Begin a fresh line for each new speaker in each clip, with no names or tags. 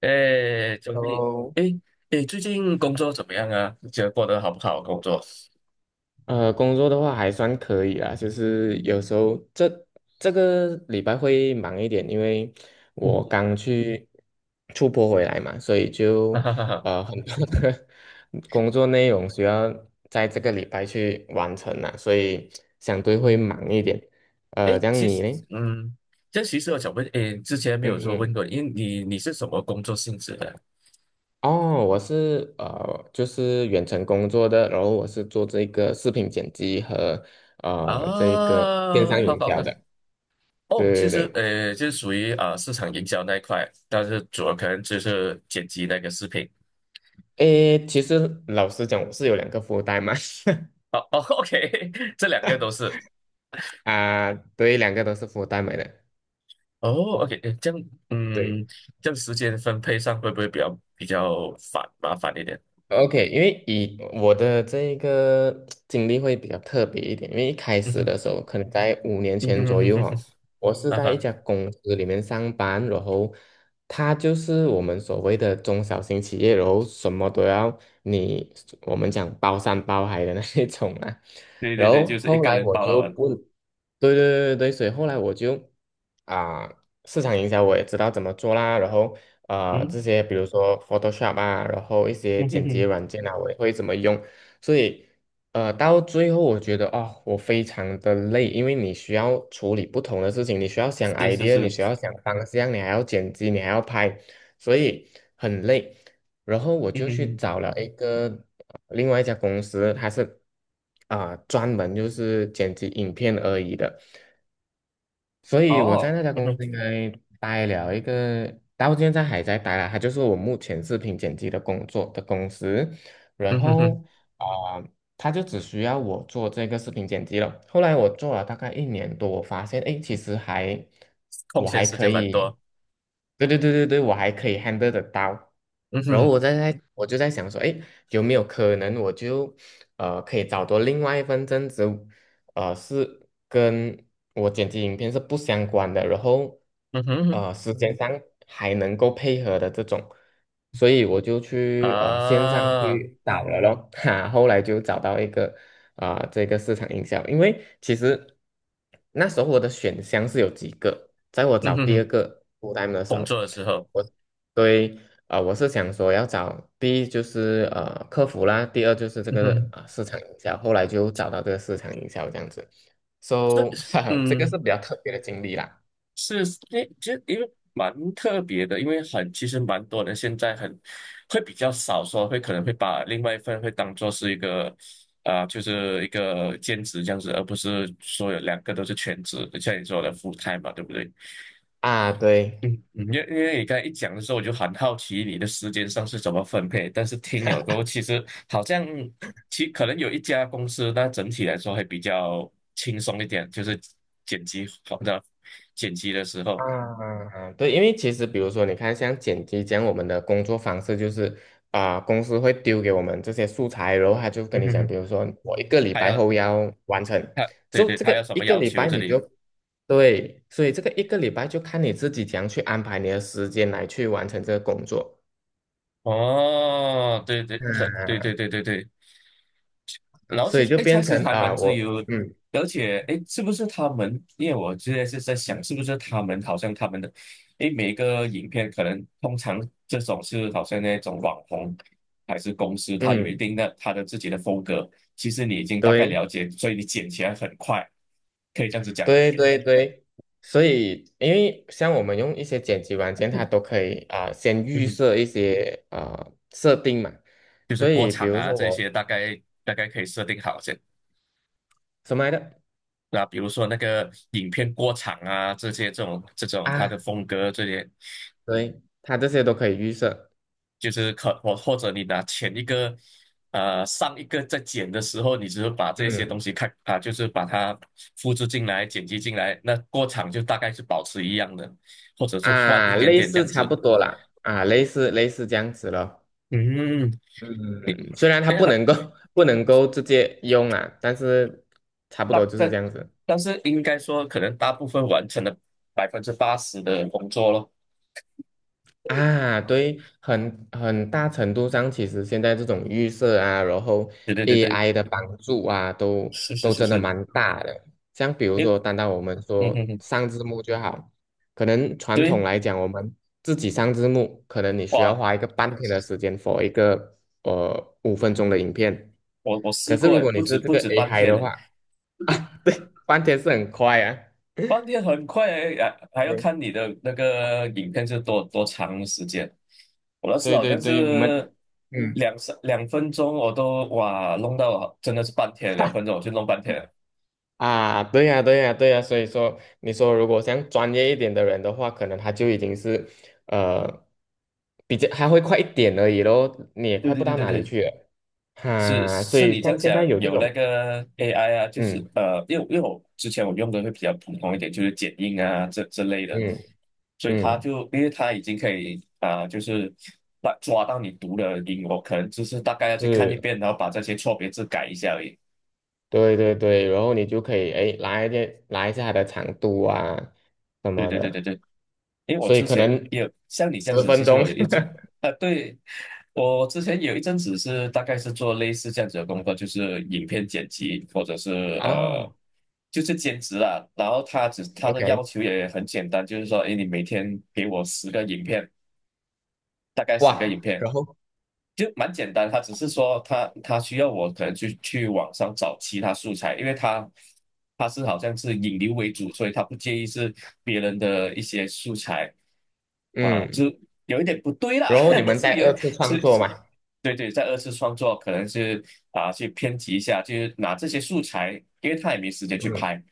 哎，周丽，
哦，
哎哎，最近工作怎么样啊？你觉得过得好不好？工作？
工作的话还算可以啦，就是有时候这个礼拜会忙一点，因为我 刚去出国回来嘛，所以
哈
就
哈哈哈。
很多的 工作内容需要在这个礼拜去完成啦，所以相对会
嗯，
忙一点。
哎，
这样
其实，
你呢？
嗯，这其实我想问，哎，之前没
嗯
有说问
嗯，
过，因为你是什么工作性质的
哦，我是就是远程工作的，然后我是做这个视频剪辑和 这个电
啊？
商
好
营
好的
销的。
哦，其
对对
实，
对，
就是属于啊、市场营销那一块，但是主要可能就是剪辑那个视频。
诶，其实老实讲，我是有两个福袋嘛，
哦哦，OK，这两个都是。
啊，对，两个都是福袋买的，
哦，OK，诶这样，
对，
嗯，这样时间分配上会不会比较麻烦一点？
OK，因为以我的这一个经历会比较特别一点，因为一开
嗯
始
哼，
的时候，可能在五年
嗯
前
哼哼
左
哼
右哈，
哼，
我是
哈
在一
哈，
家公司里面上班，然后它就是我们所谓的中小型企业，然后什么都要你，我们讲包山包海的那一种啊。
对
然
对对，就
后
是一
后
个
来
人
我
包了
就
完，
不，对对对对，所以后来我就啊、市场营销我也知道怎么做啦，然后
嗯，
这些，比如说 Photoshop 啊，然后一些
嗯哼
剪辑
哼，
软件啊，我也会怎么用。所以，到最后我觉得我非常的累，因为你需要处理不同的事情，你需要想
是是
idea，你
是，
需要想方向，你还要剪辑，你还要拍，所以很累。然后我
嗯
就
哼
去
哼，
找了一个另外一家公司，它是专门就是剪辑影片而已的。所以我在
哦，
那家
嗯
公
哼，
司应该待了一个，到现在还在待啦。它就是我目前视频剪辑的工作的公司，然
嗯哼
后
哼，
啊、呃，他就只需要我做这个视频剪辑了。后来我做了大概一年多，我发现哎，其实还
空
我
闲
还
时
可
间蛮
以，
多，
对对对对对，我还可以 handle 得到。
嗯哼
然后
哼，
我就在想说，哎，有没有可能我就可以找到另外一份正职，是跟我剪辑影片是不相关的，然后
嗯哼哼，
时间上还能够配合的这种，所以我就去线上
啊，
去找了咯，哈，后来就找到一个这个市场营销，因为其实那时候我的选项是有几个，在我
嗯
找
哼
第二
哼，
个 f u l 的时
工
候。
作的时候，
我。对，我是想说要找，第一就是客服啦，第二就是这
嗯
个
哼，
市场营销，后来就找到这个市场营销这样子
这，
，so 哈哈，这个
嗯。
是比较特别的经历啦。
是，诶，就因为蛮特别的，因为很其实蛮多人现在很会比较少说，可能会把另外一份会当做是一个啊、就是一个兼职这样子，而不是说有两个都是全职，像你说的 full time 嘛，对不对？
啊，对，
嗯，嗯因为你刚才一讲的时候，我就很好奇你的时间上是怎么分配，但是听了之后，其实好像可能有一家公司，那整体来说会比较轻松一点，就是剪辑好的剪辑的时候。
啊，对，因为其实比如说，你看像剪辑这样，我们的工作方式就是公司会丢给我们这些素材，然后他就跟你讲，比如 说我一个礼
他
拜
要
后要完成，
他对
所以
对，
这
他要
个
什
一
么
个
要
礼
求
拜
这
你就
里？
对，所以这个一个礼拜就看你自己怎样去安排你的时间来去完成这个工作，
哦，对对，对对对对对。然后
所
其
以
实
就
哎，开
变
始
成
还蛮自
我
由
嗯
而且哎，诶是不是他们？因为我现在是在想，是不是他们好像他们的哎，诶每个影片可能通常这种是好像那种网红还是公司，它有一
嗯
定的它的自己的风格。其实你已经大概
对。
了解，所以你剪起来很快，可以这样子讲了。
对对对，所以因为像我们用一些剪辑软件，它都可以先
嗯
预
哼，
设一些啊设定嘛，
就是
所
过
以比
场
如
啊
说
这
我
些，大概可以设定好先。
什么来着
那比如说那个影片过场啊，这些这种它的
啊，
风格，这些
对，它这些都可以预设，
就是或者你拿前一个，上一个在剪的时候，你只是把这些东
嗯
西看啊，就是把它复制进来、剪辑进来，那过场就大概是保持一样的，或者是换一
啊，
点
类
点这
似
样
差
子。
不多啦，啊，类似这样子咯，
嗯，你
嗯，虽然它
对
不
啊，
能够 不能够直接用啊，但是差不多
大
就是这
但
样子。
但是应该说，可能大部分完成了80%的工作咯。
啊，对，很大程度上，其实现在这种预设啊，然后
对对对对，
AI 的帮助啊，都
是是
都
是
真的
是，
蛮大的。像比如
诶，
说，单单我们
嗯嗯
说
嗯，
上字幕就好，可能传统
对。
来讲，我们自己上字幕，可能你需要
哇，
花一个半天的时间 for 一个5分钟的影片。
我试
可是
过
如
诶，
果你
不止
是这
不
个
止半
AI
天
的
呢，
话，啊，对，半天是很快啊。
半天很快诶，还要看
对
你的那个影片是多长时间。我那次
对
好
对
像
对，我们
是
嗯。
两分钟，我都哇弄到真的是半天，两分钟我就弄半天了，
啊，对呀，对呀，对呀，所以说，你说如果像专业一点的人的话，可能他就已经是，呃，比较还会快一点而已咯，你也
对
快不
对对
到
对
哪里
对。
去了，
是
所
是你
以
这
像
样
现
讲，
在有这
有那
种，
个 AI 啊，就是
嗯
因为我之前我用的会比较普通一点，就是剪映啊这之类的，
嗯
所以他
嗯，
就因为他已经可以啊、就是把抓到你读的音，我可能就是大概要去看一
是，
遍，然后把这些错别字改一下而已。
对对对，然后你就可以哎拉一点拉一下它的长度啊什
对
么
对对对
的，
对。因为我
所以
之
可
前
能
也有像你这样
十
子，其
分
实
钟
我有一张 啊，对，我之前有一阵子是大概是做类似这样子的工作，就是影片剪辑或者是呃，
啊
就是兼职啦。然后他的
，OK，
要求也很简单，就是说，哎，你每天给我十个影片，大概十个影
哇，
片，
然后
就蛮简单，他只是说他需要我可能去网上找其他素材，因为他是好像是引流为主，所以他不介意是别人的一些素材啊，就
嗯，
有一点不对啦，
然后你 们
是
再
有
二次创
是，
作嘛。
对对，在二次创作可能是啊去编辑一下，就是拿这些素材，因为他也没时间去
嗯。
拍，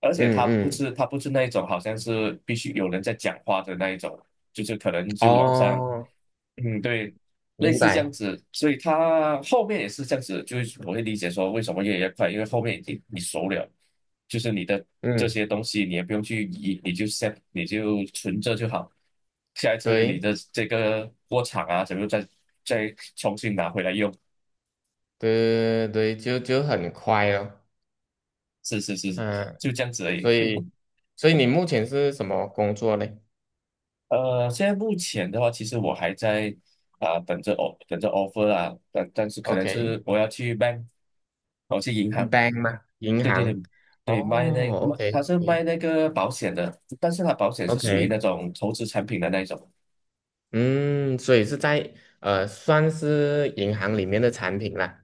而且
嗯
他不
嗯，
是他不是那一种好像是必须有人在讲话的那一种，就是可能就网上。
哦，
嗯，对，类
明
似这样
白，
子，所以他后面也是这样子，就是我会理解说为什么越来越快，因为后面已经你熟了，就是你的这
嗯，
些东西你也不用去移，你就 set 你就存着就好，下一次你
对
的这个过场啊，怎么再重新拿回来用，
对对，就很快了，
是是是，
嗯，
就这样子而已。
所以所以你目前是什么工作呢
现在目前的话，其实我还在啊、等着 offer 啊，但是可
o
能
k
是我要去 bank，我去银行。
b a n k 吗？银
对对对
行？哦
对，卖那卖
，OK
他是卖
OK
那个保险的，但是他保险是属于
OK，
那种投资产品的那一种，
嗯，所以是在算是银行里面的产品啦，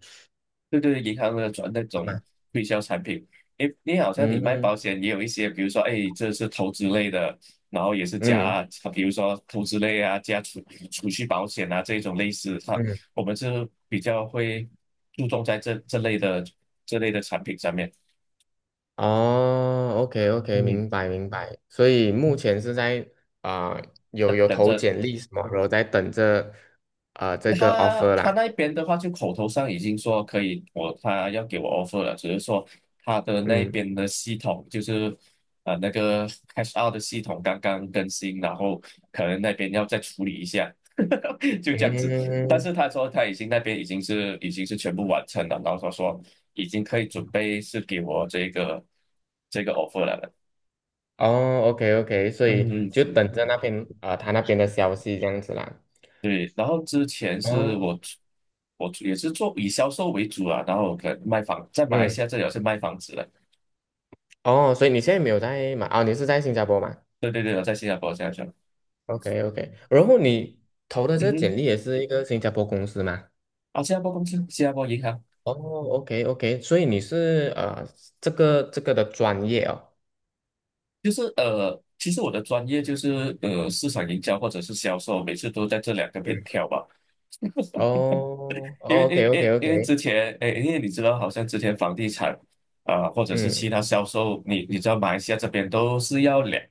对对，银行的那
是
种
吗？
推销产品。诶，你好像你卖
嗯
保险也有一些，比如说，诶，这是投资类的，然后也是
嗯
加，比如说投资类啊，加储蓄保险啊这一种类似，
嗯
我们是比较会注重在这类的产品上面。
哦，OK OK，
嗯，
明白明白。所以目
嗯
前是在啊、有
等
有
等
投
着
简历什么，然后在等着这个
他
offer
他
啦。
那边的话，就口头上已经说可以，他要给我 offer 了，只是说他的那
嗯
边的系统就是那个 cash out 的系统刚刚更新，然后可能那边要再处理一下，就这样子。但
嗯，
是他说他已经那边已经是全部完成了，然后他说已经可以准备是给我这个 offer 了。
哦，OK OK，所以
嗯，
就等着那边他那边的消息这样子啦。
对，然后之前是
哦，
我出也是做以销售为主啊，然后我可能卖房，在马来
嗯，
西亚这里我是卖房子的，
哦，所以你现在没有在嘛？你是在新加坡嘛
对对对，我在新加坡，新加坡，
？OK OK，然后你投的这
嗯
个
哼，
简历也是一个新加坡公司吗？
啊，新加坡公司，新加坡银行，
哦，OK OK，所以你是这个的专业哦。
就是其实我的专业就是市场营销或者是销售，每次都在这两个边
嗯。
跳吧，
哦
因为
哦
因因
，OK，OK，OK，
因为之前，哎，因为你知道，好像之前房地产啊、或者是其
嗯，
他销售，你知道马来西亚这边都是要两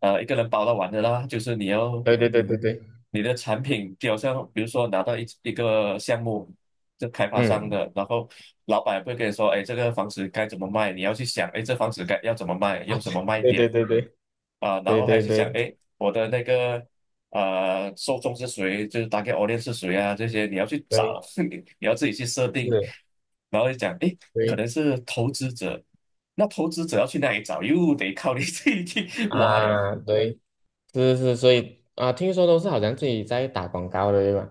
呃一个人包到完的啦，就是
对对对对对，
你的产品，就好像比如说拿到一个项目，这开发商
嗯，
的，然后老板会跟你说，哎，这个房子该怎么卖，你要去想，哎，这房子该要怎么卖，用
啊，
什么卖
对对
点
对对
啊、然
对
后还要
对对
去想，
对，
哎，我的那个受众是谁，就是大概 r g e audience 是谁啊，这些你要去
对，
找，你要自己去设定，
是，
然后就讲，诶，可
对
能是投资者，那投资者要去哪里找，又得靠你 自己去挖了。
啊，对，是是，所以啊，听说都是好像自己在打广告的，对吧？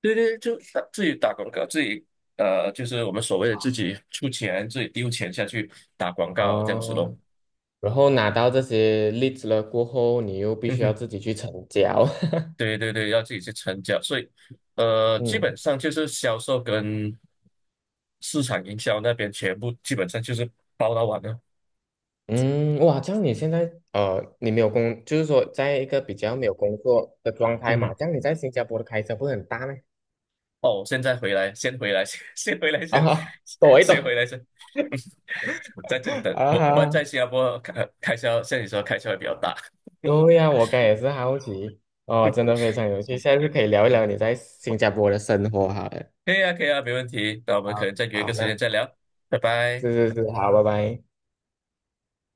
对对，就打自己打广告，自己就是我们所谓的自己出钱，自己丢钱下去打广告这样子咯。
哦，然后拿到这些例子了过后，你又必须要自 己去成交，
对对对，要自己去成交，所以基本
嗯
上就是销售跟市场营销那边全部基本上就是包到完了。
嗯，哇，这样你现在你没有工，就是说在一个比较没有工作的状态
嗯
嘛，
哼，
这样你在新加坡的开销不是很大吗？
哦，现在回来，先回来，先回来，先
啊，躲一躲
先回来，先在这里等。
啊
不然在
哈
新加坡开销，像你说开销会比较大。
对呀，我刚也是好奇哦，真的非常有趣。下次可以聊一聊你在新加坡的生活，好了。
可以啊，可以啊，没问题。那我们可能
好，
再约一个
好，
时间
那
再聊，拜拜。
是是是，好，拜拜。